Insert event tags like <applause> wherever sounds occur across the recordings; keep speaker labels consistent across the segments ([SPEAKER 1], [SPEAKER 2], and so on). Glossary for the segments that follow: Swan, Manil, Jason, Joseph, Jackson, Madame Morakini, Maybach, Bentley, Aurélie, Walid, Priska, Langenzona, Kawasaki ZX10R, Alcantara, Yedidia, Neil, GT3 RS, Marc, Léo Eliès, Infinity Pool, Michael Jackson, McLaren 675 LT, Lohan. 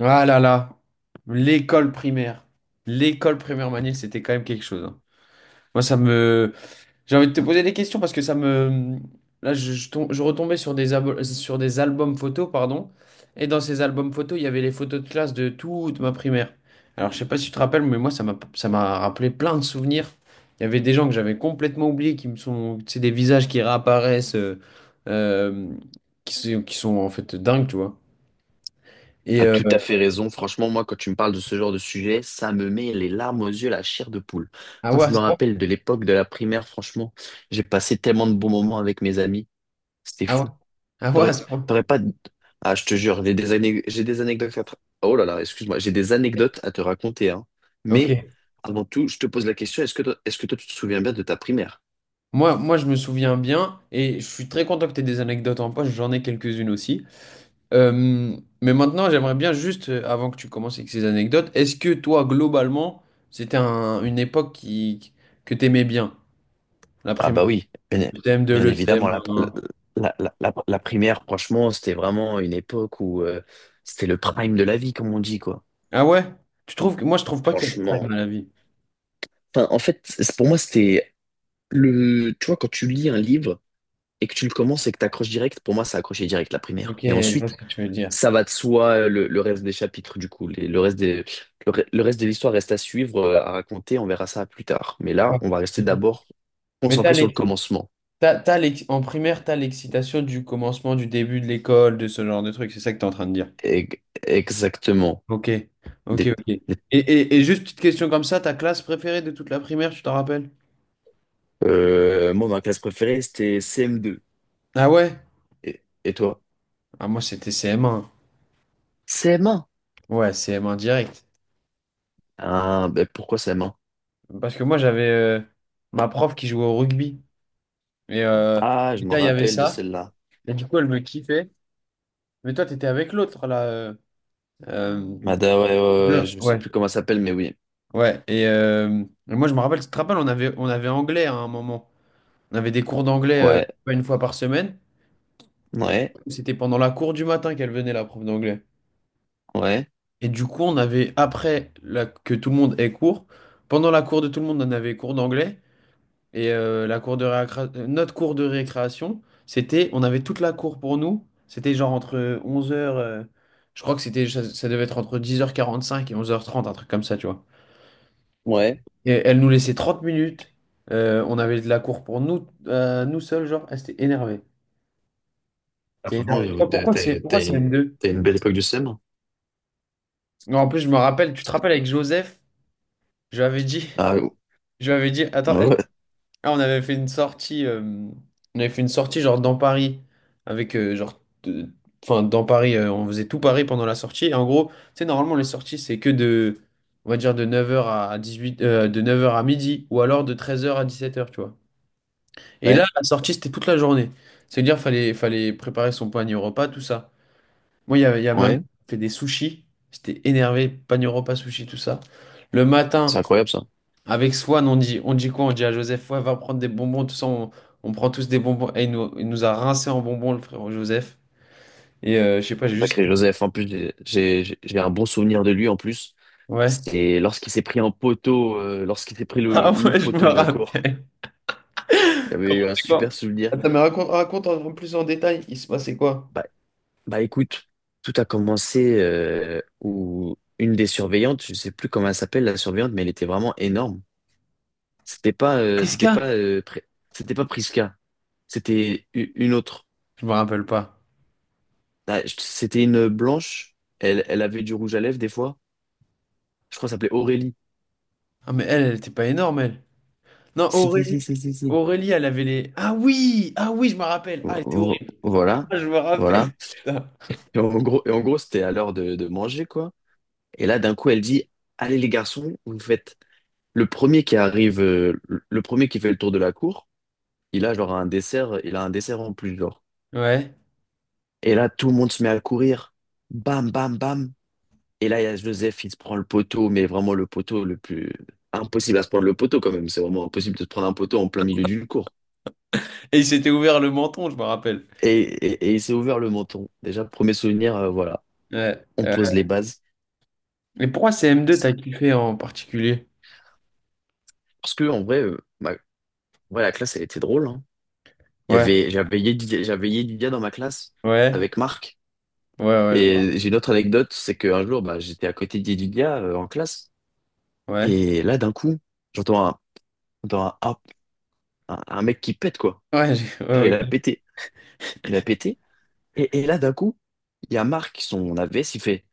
[SPEAKER 1] Ah là là, l'école primaire. L'école primaire Manil, c'était quand même quelque chose, hein. Moi, ça me... J'ai envie de te poser des questions parce que ça me... Là, je retombais sur des, sur des albums photos, pardon. Et dans ces albums photos, il y avait les photos de classe de toute ma primaire. Alors, je sais pas si tu te rappelles, mais moi, ça m'a rappelé plein de souvenirs. Il y avait des gens que j'avais complètement oubliés qui me sont... C'est des visages qui réapparaissent, euh, qui sont en fait dingues, tu vois. Et...
[SPEAKER 2] As
[SPEAKER 1] euh,
[SPEAKER 2] tout à fait raison. Franchement, moi, quand tu me parles de ce genre de sujet, ça me met les larmes aux yeux, la chair de poule.
[SPEAKER 1] Ah
[SPEAKER 2] Quand
[SPEAKER 1] ouais,
[SPEAKER 2] je
[SPEAKER 1] à
[SPEAKER 2] me
[SPEAKER 1] ce point.
[SPEAKER 2] rappelle de l'époque de la primaire, franchement, j'ai passé tellement de bons moments avec mes amis. C'était
[SPEAKER 1] Ah ouais?
[SPEAKER 2] fou.
[SPEAKER 1] Ah ouais, à
[SPEAKER 2] T'aurais,
[SPEAKER 1] ce point.
[SPEAKER 2] t'aurais pas... Ah, je te jure, j'ai des anecdotes Oh là là, excuse-moi, j'ai des anecdotes à te raconter, hein. Mais
[SPEAKER 1] Ok.
[SPEAKER 2] avant tout, je te pose la question, est-ce que toi, tu te souviens bien de ta primaire?
[SPEAKER 1] Moi, je me souviens bien et je suis très content que tu aies des anecdotes en poche. J'en ai quelques-unes aussi. Euh, mais maintenant, j'aimerais bien juste, avant que tu commences avec ces anecdotes, est-ce que toi, globalement, c'était une époque que tu aimais bien? La
[SPEAKER 2] Ah
[SPEAKER 1] primaire,
[SPEAKER 2] bah oui, bien,
[SPEAKER 1] le CM2,
[SPEAKER 2] bien
[SPEAKER 1] le
[SPEAKER 2] évidemment, la,
[SPEAKER 1] CM1.
[SPEAKER 2] la, la, la- la primaire, franchement, c'était vraiment une époque où c'était le prime de la vie, comme on dit, quoi.
[SPEAKER 1] Ah ouais? Tu trouves que, moi, je trouve pas qu'il y a de
[SPEAKER 2] Franchement.
[SPEAKER 1] prime à la vie.
[SPEAKER 2] Enfin, en fait, pour moi, c'était le... Tu vois, quand tu lis un livre et que tu le commences et que tu accroches direct, pour moi, ça accroché direct, la
[SPEAKER 1] Ok,
[SPEAKER 2] primaire. Et
[SPEAKER 1] je vois ce
[SPEAKER 2] ensuite,
[SPEAKER 1] que tu veux dire.
[SPEAKER 2] ça va de soi, le reste des chapitres, du coup. Le reste des, le reste de l'histoire reste à suivre, à raconter, on verra ça plus tard. Mais là,
[SPEAKER 1] Ouais.
[SPEAKER 2] on va rester d'abord
[SPEAKER 1] Mais t'as
[SPEAKER 2] concentré sur le
[SPEAKER 1] l'ex-
[SPEAKER 2] commencement.
[SPEAKER 1] T'as, t'as l'ex- en primaire, t'as l'excitation du commencement, du début de l'école, de ce genre de truc. C'est ça que t'es en train de dire.
[SPEAKER 2] E- Exactement.
[SPEAKER 1] Ok, ok,
[SPEAKER 2] Des-
[SPEAKER 1] ok. Et juste petite question comme ça, ta classe préférée de toute la primaire, tu t'en rappelles?
[SPEAKER 2] Moi, ma classe préférée, c'était CM2.
[SPEAKER 1] Ah ouais?
[SPEAKER 2] Et toi?
[SPEAKER 1] Ah moi c'était CM1.
[SPEAKER 2] CM1?
[SPEAKER 1] Ouais, CM1 direct.
[SPEAKER 2] Ah, ben pourquoi CM1?
[SPEAKER 1] Parce que moi j'avais ma prof qui jouait au rugby. Et
[SPEAKER 2] Ah, je me
[SPEAKER 1] déjà il y avait
[SPEAKER 2] rappelle de
[SPEAKER 1] ça.
[SPEAKER 2] celle-là.
[SPEAKER 1] Et du coup elle me kiffait. Mais toi t'étais avec l'autre là. Euh,
[SPEAKER 2] Mada, ouais,
[SPEAKER 1] bien.
[SPEAKER 2] je ne sais
[SPEAKER 1] Ouais.
[SPEAKER 2] plus comment elle s'appelle, mais oui.
[SPEAKER 1] Ouais. Et moi je me rappelle, tu te rappelles, on avait anglais à un moment. On avait des cours d'anglais
[SPEAKER 2] Ouais,
[SPEAKER 1] pas une fois par semaine. Et
[SPEAKER 2] ouais,
[SPEAKER 1] c'était pendant la cour du matin qu'elle venait, la prof d'anglais.
[SPEAKER 2] ouais,
[SPEAKER 1] Et du coup, on avait, que tout le monde ait cours, pendant la cour de tout le monde, on avait cours d'anglais. Et la cour de récré- notre cours de récréation, c'était, on avait toute la cour pour nous. C'était genre entre 11h, je crois que c'était, ça devait être entre 10h45 et 11h30, un truc comme ça, tu vois.
[SPEAKER 2] ouais.
[SPEAKER 1] Et elle nous laissait 30 minutes. On avait de la cour pour nous, nous seuls, genre, elle s'était énervée.
[SPEAKER 2] Ah,
[SPEAKER 1] Non,
[SPEAKER 2] franchement,
[SPEAKER 1] mais pourquoi c'est pourquoi c'est M2?
[SPEAKER 2] t'as une belle époque du CM1.
[SPEAKER 1] Non, en plus, je me rappelle, tu te rappelles avec Joseph, je lui avais dit,
[SPEAKER 2] Ah,
[SPEAKER 1] je lui avais dit, attends,
[SPEAKER 2] ouais,
[SPEAKER 1] ah, on avait fait une sortie, genre dans Paris, avec genre, enfin dans Paris, on faisait tout Paris pendant la sortie. Et en gros, tu sais, normalement les sorties c'est que de, on va dire de 9h à 18, de 9h à midi, ou alors de 13h à 17h, tu vois. Et là, la sortie c'était toute la journée. C'est-à-dire fallait préparer son panier au repas, tout ça. Moi, il y a ma mère
[SPEAKER 2] ouais.
[SPEAKER 1] qui fait des sushis. J'étais énervé, pan repas sushi, tout ça. Le matin,
[SPEAKER 2] C'est incroyable, ça.
[SPEAKER 1] avec Swan, on dit quoi? On dit à Joseph, ouais, va prendre des bonbons, tout ça. On prend tous des bonbons. Et il nous a rincé en bonbons, le frère Joseph. Et je sais pas, j'ai juste.
[SPEAKER 2] Sacré Joseph, en plus, j'ai un bon souvenir de lui, en plus.
[SPEAKER 1] Ouais. <laughs>
[SPEAKER 2] C'était lorsqu'il s'est pris un poteau, lorsqu'il s'est pris le,
[SPEAKER 1] Ah
[SPEAKER 2] le
[SPEAKER 1] ouais, je me
[SPEAKER 2] poteau de la cour.
[SPEAKER 1] rappelle.
[SPEAKER 2] J'avais
[SPEAKER 1] Comment
[SPEAKER 2] eu un
[SPEAKER 1] c'est
[SPEAKER 2] super
[SPEAKER 1] quoi?
[SPEAKER 2] souvenir.
[SPEAKER 1] Attends, mais raconte en plus en détail. Il se passait quoi?
[SPEAKER 2] Bah, bah écoute, tout a commencé où une des surveillantes, je sais plus comment elle s'appelle la surveillante, mais elle était vraiment énorme. C'était pas, euh,
[SPEAKER 1] Qu'est-ce
[SPEAKER 2] c'était
[SPEAKER 1] qu'il.
[SPEAKER 2] pas, euh, Pri- c'était pas Priska, c'était une autre.
[SPEAKER 1] Je me rappelle pas.
[SPEAKER 2] Ah, C'était une blanche. Elle avait du rouge à lèvres des fois. Je crois que ça s'appelait Aurélie.
[SPEAKER 1] Ah, mais elle, elle était pas énorme, elle. Non,
[SPEAKER 2] Si si
[SPEAKER 1] Aurélie.
[SPEAKER 2] si si si si.
[SPEAKER 1] Aurélie, elle avait les. Ah oui! Ah oui, je me rappelle. Ah, elle était horrible.
[SPEAKER 2] Voilà,
[SPEAKER 1] Ah, je me rappelle.
[SPEAKER 2] voilà.
[SPEAKER 1] Putain.
[SPEAKER 2] Et en gros, c'était à l'heure de manger quoi. Et là, d'un coup, elle dit, allez les garçons, vous faites Le premier qui arrive, euh, le premier qui fait le tour de la cour, il a un dessert en plus, genre.
[SPEAKER 1] Ouais.
[SPEAKER 2] Et là, tout le monde se met à courir. Bam, bam, bam. Et là, il y a Joseph, il se prend le poteau, mais vraiment le poteau le plus... Impossible à se prendre le poteau quand même. C'est vraiment impossible de se prendre un poteau en plein milieu d'une cour.
[SPEAKER 1] Et il s'était ouvert le menton, je me rappelle.
[SPEAKER 2] Et il s'est ouvert le menton. Déjà, premier souvenir, voilà.
[SPEAKER 1] Ouais.
[SPEAKER 2] On pose les bases.
[SPEAKER 1] Mais pourquoi C m 2 t'as kiffé en particulier?
[SPEAKER 2] Parce que, en vrai, ouais, la classe, elle était drôle, hein.
[SPEAKER 1] Ouais.
[SPEAKER 2] J'avais Yedidia dans ma classe
[SPEAKER 1] Ouais.
[SPEAKER 2] avec Marc.
[SPEAKER 1] Ouais, ouais, je me rappelle.
[SPEAKER 2] Et j'ai une autre anecdote, c'est qu'un jour, bah, j'étais à côté d'Edunia en classe,
[SPEAKER 1] Ouais.
[SPEAKER 2] et là, d'un coup, j'entends un, j'entends un, hop, un mec qui pète, quoi.
[SPEAKER 1] Ouais,
[SPEAKER 2] Genre,
[SPEAKER 1] ouais, ok.
[SPEAKER 2] Il a pété, et là, d'un coup, il y a Marc, son AVS, il fait,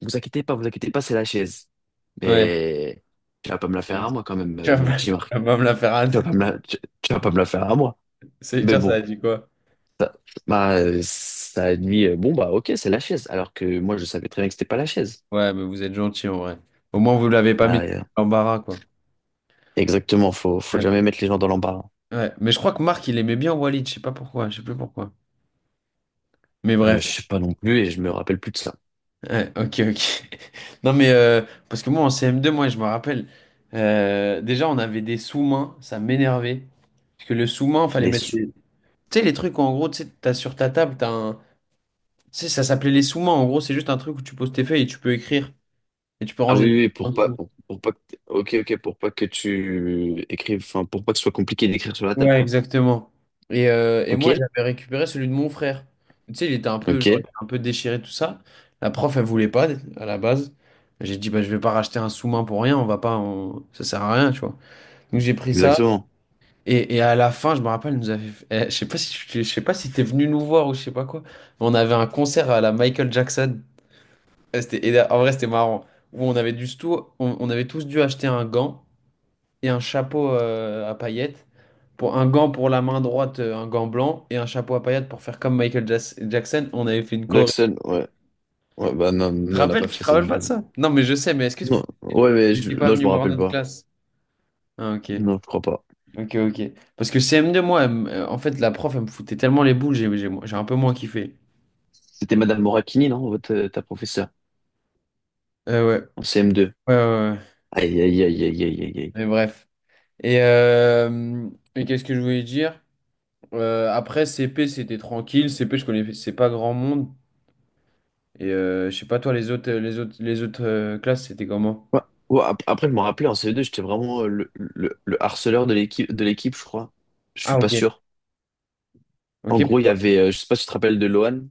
[SPEAKER 2] vous inquiétez pas, c'est la chaise.
[SPEAKER 1] Ouais.
[SPEAKER 2] Mais tu vas pas me la faire à moi quand même, mon petit
[SPEAKER 1] Tu
[SPEAKER 2] Marc.
[SPEAKER 1] vas pas me la faire.
[SPEAKER 2] Tu vas pas me
[SPEAKER 1] <laughs>
[SPEAKER 2] la, tu, tu vas pas me la faire à moi.
[SPEAKER 1] C'est
[SPEAKER 2] Mais
[SPEAKER 1] dire ça a
[SPEAKER 2] bon,
[SPEAKER 1] dit quoi?
[SPEAKER 2] ça, ça a dit, bon, bah ok, c'est la chaise, alors que moi, je savais très bien que c'était pas la chaise.
[SPEAKER 1] Ouais, mais vous êtes gentil en vrai. Au moins, vous l'avez pas mis
[SPEAKER 2] Bah,
[SPEAKER 1] dans
[SPEAKER 2] euh,
[SPEAKER 1] l'embarras, quoi.
[SPEAKER 2] Exactement, faut
[SPEAKER 1] Ouais.
[SPEAKER 2] jamais mettre les gens dans l'embarras.
[SPEAKER 1] Ouais. Mais je crois que Marc, il aimait bien Walid, je sais pas pourquoi, je sais plus pourquoi. Mais bref.
[SPEAKER 2] Je sais pas non plus et je me rappelle plus de ça.
[SPEAKER 1] Ouais, ok, ok. <laughs> Non, mais parce que moi en CM2, moi je me rappelle, déjà on avait des sous-mains, ça m'énervait. Parce que le sous-main, fallait
[SPEAKER 2] Mais
[SPEAKER 1] mettre
[SPEAKER 2] sou-
[SPEAKER 1] les. Tu sais, les trucs où, en gros, tu sais, t'as sur ta table, t'as un. Tu sais, ça s'appelait les sous-mains. En gros, c'est juste un truc où tu poses tes feuilles et tu peux écrire et tu peux
[SPEAKER 2] ah
[SPEAKER 1] ranger
[SPEAKER 2] oui,
[SPEAKER 1] tes feuilles
[SPEAKER 2] oui,
[SPEAKER 1] en dessous.
[SPEAKER 2] pour pas que, ok, ok, pour pas que tu écrives, enfin, pour pas que ce soit compliqué d'écrire sur la table,
[SPEAKER 1] Ouais,
[SPEAKER 2] quoi.
[SPEAKER 1] exactement. Et
[SPEAKER 2] Ok,
[SPEAKER 1] moi, j'avais récupéré celui de mon frère. Tu sais, il était un peu, genre,
[SPEAKER 2] ok,
[SPEAKER 1] il était un peu déchiré, tout ça. La prof, elle voulait pas à la base. J'ai dit, bah, je vais pas racheter un sous-main pour rien, on va pas. On- ça sert à rien, tu vois. Donc j'ai pris ça.
[SPEAKER 2] exactement.
[SPEAKER 1] Et à la fin, je me rappelle, elle nous avait... eh, je sais pas si t'es venu nous voir ou je sais pas quoi. Mais on avait un concert à la Michael Jackson. Eh, c'était, et en vrai, c'était marrant. Où on avait dû tout, on avait tous dû acheter un gant et un chapeau à paillettes. Pour un gant pour la main droite, un gant blanc et un chapeau à paillettes pour faire comme Jackson. On avait fait une choré.
[SPEAKER 2] Jackson,
[SPEAKER 1] Tu
[SPEAKER 2] ouais, ouais, bah non,
[SPEAKER 1] te
[SPEAKER 2] nous on n'a pas
[SPEAKER 1] rappelles? Tu te
[SPEAKER 2] fait ça
[SPEAKER 1] rappelles
[SPEAKER 2] du
[SPEAKER 1] pas de
[SPEAKER 2] tout.
[SPEAKER 1] ça? Non, mais je sais. Mais est-ce que vous
[SPEAKER 2] Non, ouais,
[SPEAKER 1] n'étiez pas
[SPEAKER 2] non, je me
[SPEAKER 1] venu voir
[SPEAKER 2] rappelle
[SPEAKER 1] notre
[SPEAKER 2] pas.
[SPEAKER 1] classe? Ah, ok.
[SPEAKER 2] Non, je crois pas.
[SPEAKER 1] Ok, ok. Parce que CM2, moi, en fait, la prof, elle me foutait tellement les boules, j'ai un peu moins kiffé.
[SPEAKER 2] C'était Madame Morakini, non, votre, ta professeure,
[SPEAKER 1] Ouais.
[SPEAKER 2] en CM2.
[SPEAKER 1] Ouais, ouais, ouais.
[SPEAKER 2] Aïe, aïe, aïe, aïe, aïe, aïe. Aïe.
[SPEAKER 1] Mais bref. Et, euh, et qu'est-ce que je voulais dire? Après, CP, c'était tranquille. CP, je connaissais pas grand monde. Et je sais pas, toi, les autres classes, c'était comment?
[SPEAKER 2] Ouais. Ouais, après, je me rappelais en CE2, j'étais vraiment le harceleur de l'équipe, je crois. Je suis
[SPEAKER 1] Ah,
[SPEAKER 2] pas
[SPEAKER 1] ok.
[SPEAKER 2] sûr. En
[SPEAKER 1] Ok,
[SPEAKER 2] gros,
[SPEAKER 1] pourquoi?
[SPEAKER 2] je sais pas si tu te rappelles de Lohan.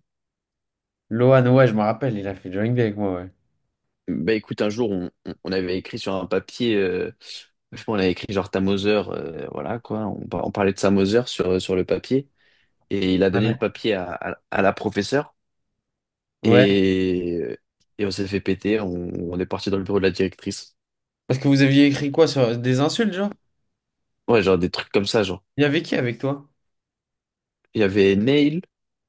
[SPEAKER 1] Lohan, ouais, je me rappelle, il a fait Drawing Day avec moi, ouais.
[SPEAKER 2] Bah écoute, un jour, on avait écrit sur un papier, je pense, on avait écrit genre ta voilà quoi. On parlait de sa sur, sur le papier. Et il a donné le
[SPEAKER 1] Ouais.
[SPEAKER 2] papier à la professeure.
[SPEAKER 1] Ouais.
[SPEAKER 2] Et, et on s'est fait péter. On est parti dans le bureau de la directrice.
[SPEAKER 1] Parce que vous aviez écrit quoi sur des insultes, genre?
[SPEAKER 2] Ouais, genre des trucs comme ça, genre.
[SPEAKER 1] Il y avait qui avec toi?
[SPEAKER 2] Il y avait Neil,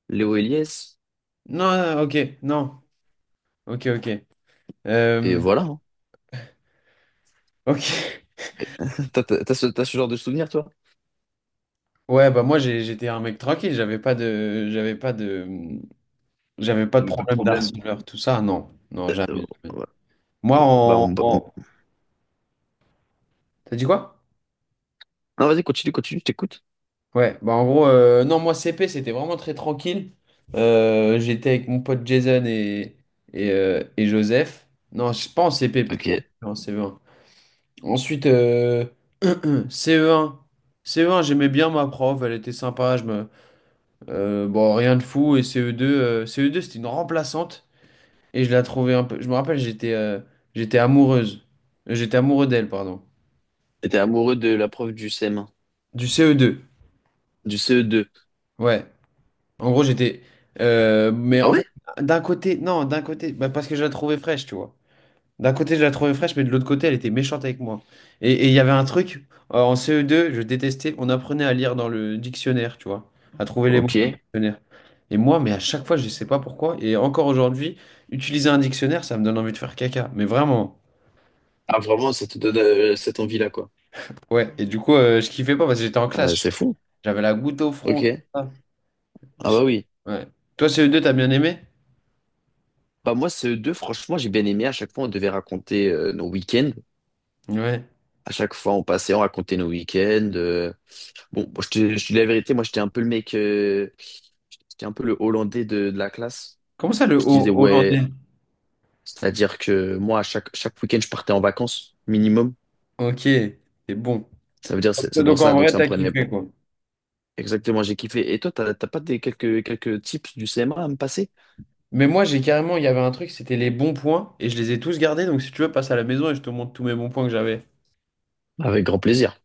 [SPEAKER 2] Léo Eliès,
[SPEAKER 1] Non, ok, non. Ok, ok.
[SPEAKER 2] et
[SPEAKER 1] Euh,
[SPEAKER 2] voilà. hein.
[SPEAKER 1] Ok.
[SPEAKER 2] Toi, t'as ce genre de souvenir, toi?
[SPEAKER 1] Ouais, bah moi j'étais un mec tranquille, j'avais pas de
[SPEAKER 2] T'avais pas de
[SPEAKER 1] problème
[SPEAKER 2] problème?
[SPEAKER 1] d'harceleur, tout ça, non. Non,
[SPEAKER 2] Euh,
[SPEAKER 1] jamais, jamais.
[SPEAKER 2] ouais.
[SPEAKER 1] Moi
[SPEAKER 2] Bah,
[SPEAKER 1] en,
[SPEAKER 2] on- bah, on-
[SPEAKER 1] en- T'as dit quoi?
[SPEAKER 2] Non, vas-y, continue, je t'écoute.
[SPEAKER 1] Ouais, bah en gros, non, moi CP c'était vraiment très tranquille. J'étais avec mon pote Jason et Joseph. Non, je pense CP, peut-être
[SPEAKER 2] Ok. Et
[SPEAKER 1] pas en CE1. Ensuite, CE1. CE1, j'aimais bien ma prof, elle était sympa. Je me... bon, rien de fou. Et CE2 c'était une remplaçante. Et je la trouvais un peu. Je me rappelle, j'étais amoureuse. J'étais amoureux d'elle, pardon.
[SPEAKER 2] T'es amoureux de la prof du CM1,
[SPEAKER 1] Du CE2.
[SPEAKER 2] du CE2.
[SPEAKER 1] Ouais. En gros, j'étais. Mais
[SPEAKER 2] Ah
[SPEAKER 1] en
[SPEAKER 2] ouais?
[SPEAKER 1] fait, d'un côté, non, d'un côté, bah, parce que je la trouvais fraîche, tu vois. D'un côté, je la trouvais fraîche, mais de l'autre côté, elle était méchante avec moi. Et il y avait un truc, en CE2, je détestais, on apprenait à lire dans le dictionnaire, tu vois, à trouver les mots dans le
[SPEAKER 2] Ok.
[SPEAKER 1] dictionnaire. Et moi, mais à chaque fois, je sais pas pourquoi, et encore aujourd'hui, utiliser un dictionnaire, ça me donne envie de faire caca. Mais vraiment,
[SPEAKER 2] Ah, vraiment, ça te donne cette envie-là, quoi.
[SPEAKER 1] ouais. Et du coup, je kiffais pas parce que j'étais en classe.
[SPEAKER 2] C'est fou.
[SPEAKER 1] J'avais la goutte au
[SPEAKER 2] Ok.
[SPEAKER 1] front, tout ça. Je
[SPEAKER 2] Ah bah
[SPEAKER 1] sais-
[SPEAKER 2] oui.
[SPEAKER 1] Ouais. Toi, ce deux t'as bien aimé?
[SPEAKER 2] Bah moi, CE2, franchement, j'ai bien aimé. À chaque fois, on devait raconter nos week-ends.
[SPEAKER 1] Ouais.
[SPEAKER 2] À chaque fois, on passait, on racontait nos week-ends. Bon, moi, je te dis la vérité, moi, J'étais un peu le Hollandais de la classe.
[SPEAKER 1] Comment ça,
[SPEAKER 2] Je disais,
[SPEAKER 1] hollandais?
[SPEAKER 2] ouais, C'est-à-dire que moi, chaque week-end, je partais en vacances, minimum.
[SPEAKER 1] Ok, c'est bon.
[SPEAKER 2] Ça veut dire, c'est pour
[SPEAKER 1] Donc en
[SPEAKER 2] ça, donc
[SPEAKER 1] vrai,
[SPEAKER 2] ça me
[SPEAKER 1] t'as
[SPEAKER 2] prenait
[SPEAKER 1] kiffé, quoi.
[SPEAKER 2] exactement, j'ai kiffé. Et toi, t'as t'as pas des quelques, quelques tips du CMA à me passer?
[SPEAKER 1] Mais moi, j'ai carrément, il y avait un truc, c'était les bons points, et je les ai tous gardés. Donc si tu veux, passe à la maison et je te montre tous mes bons points que j'avais.
[SPEAKER 2] Avec grand plaisir.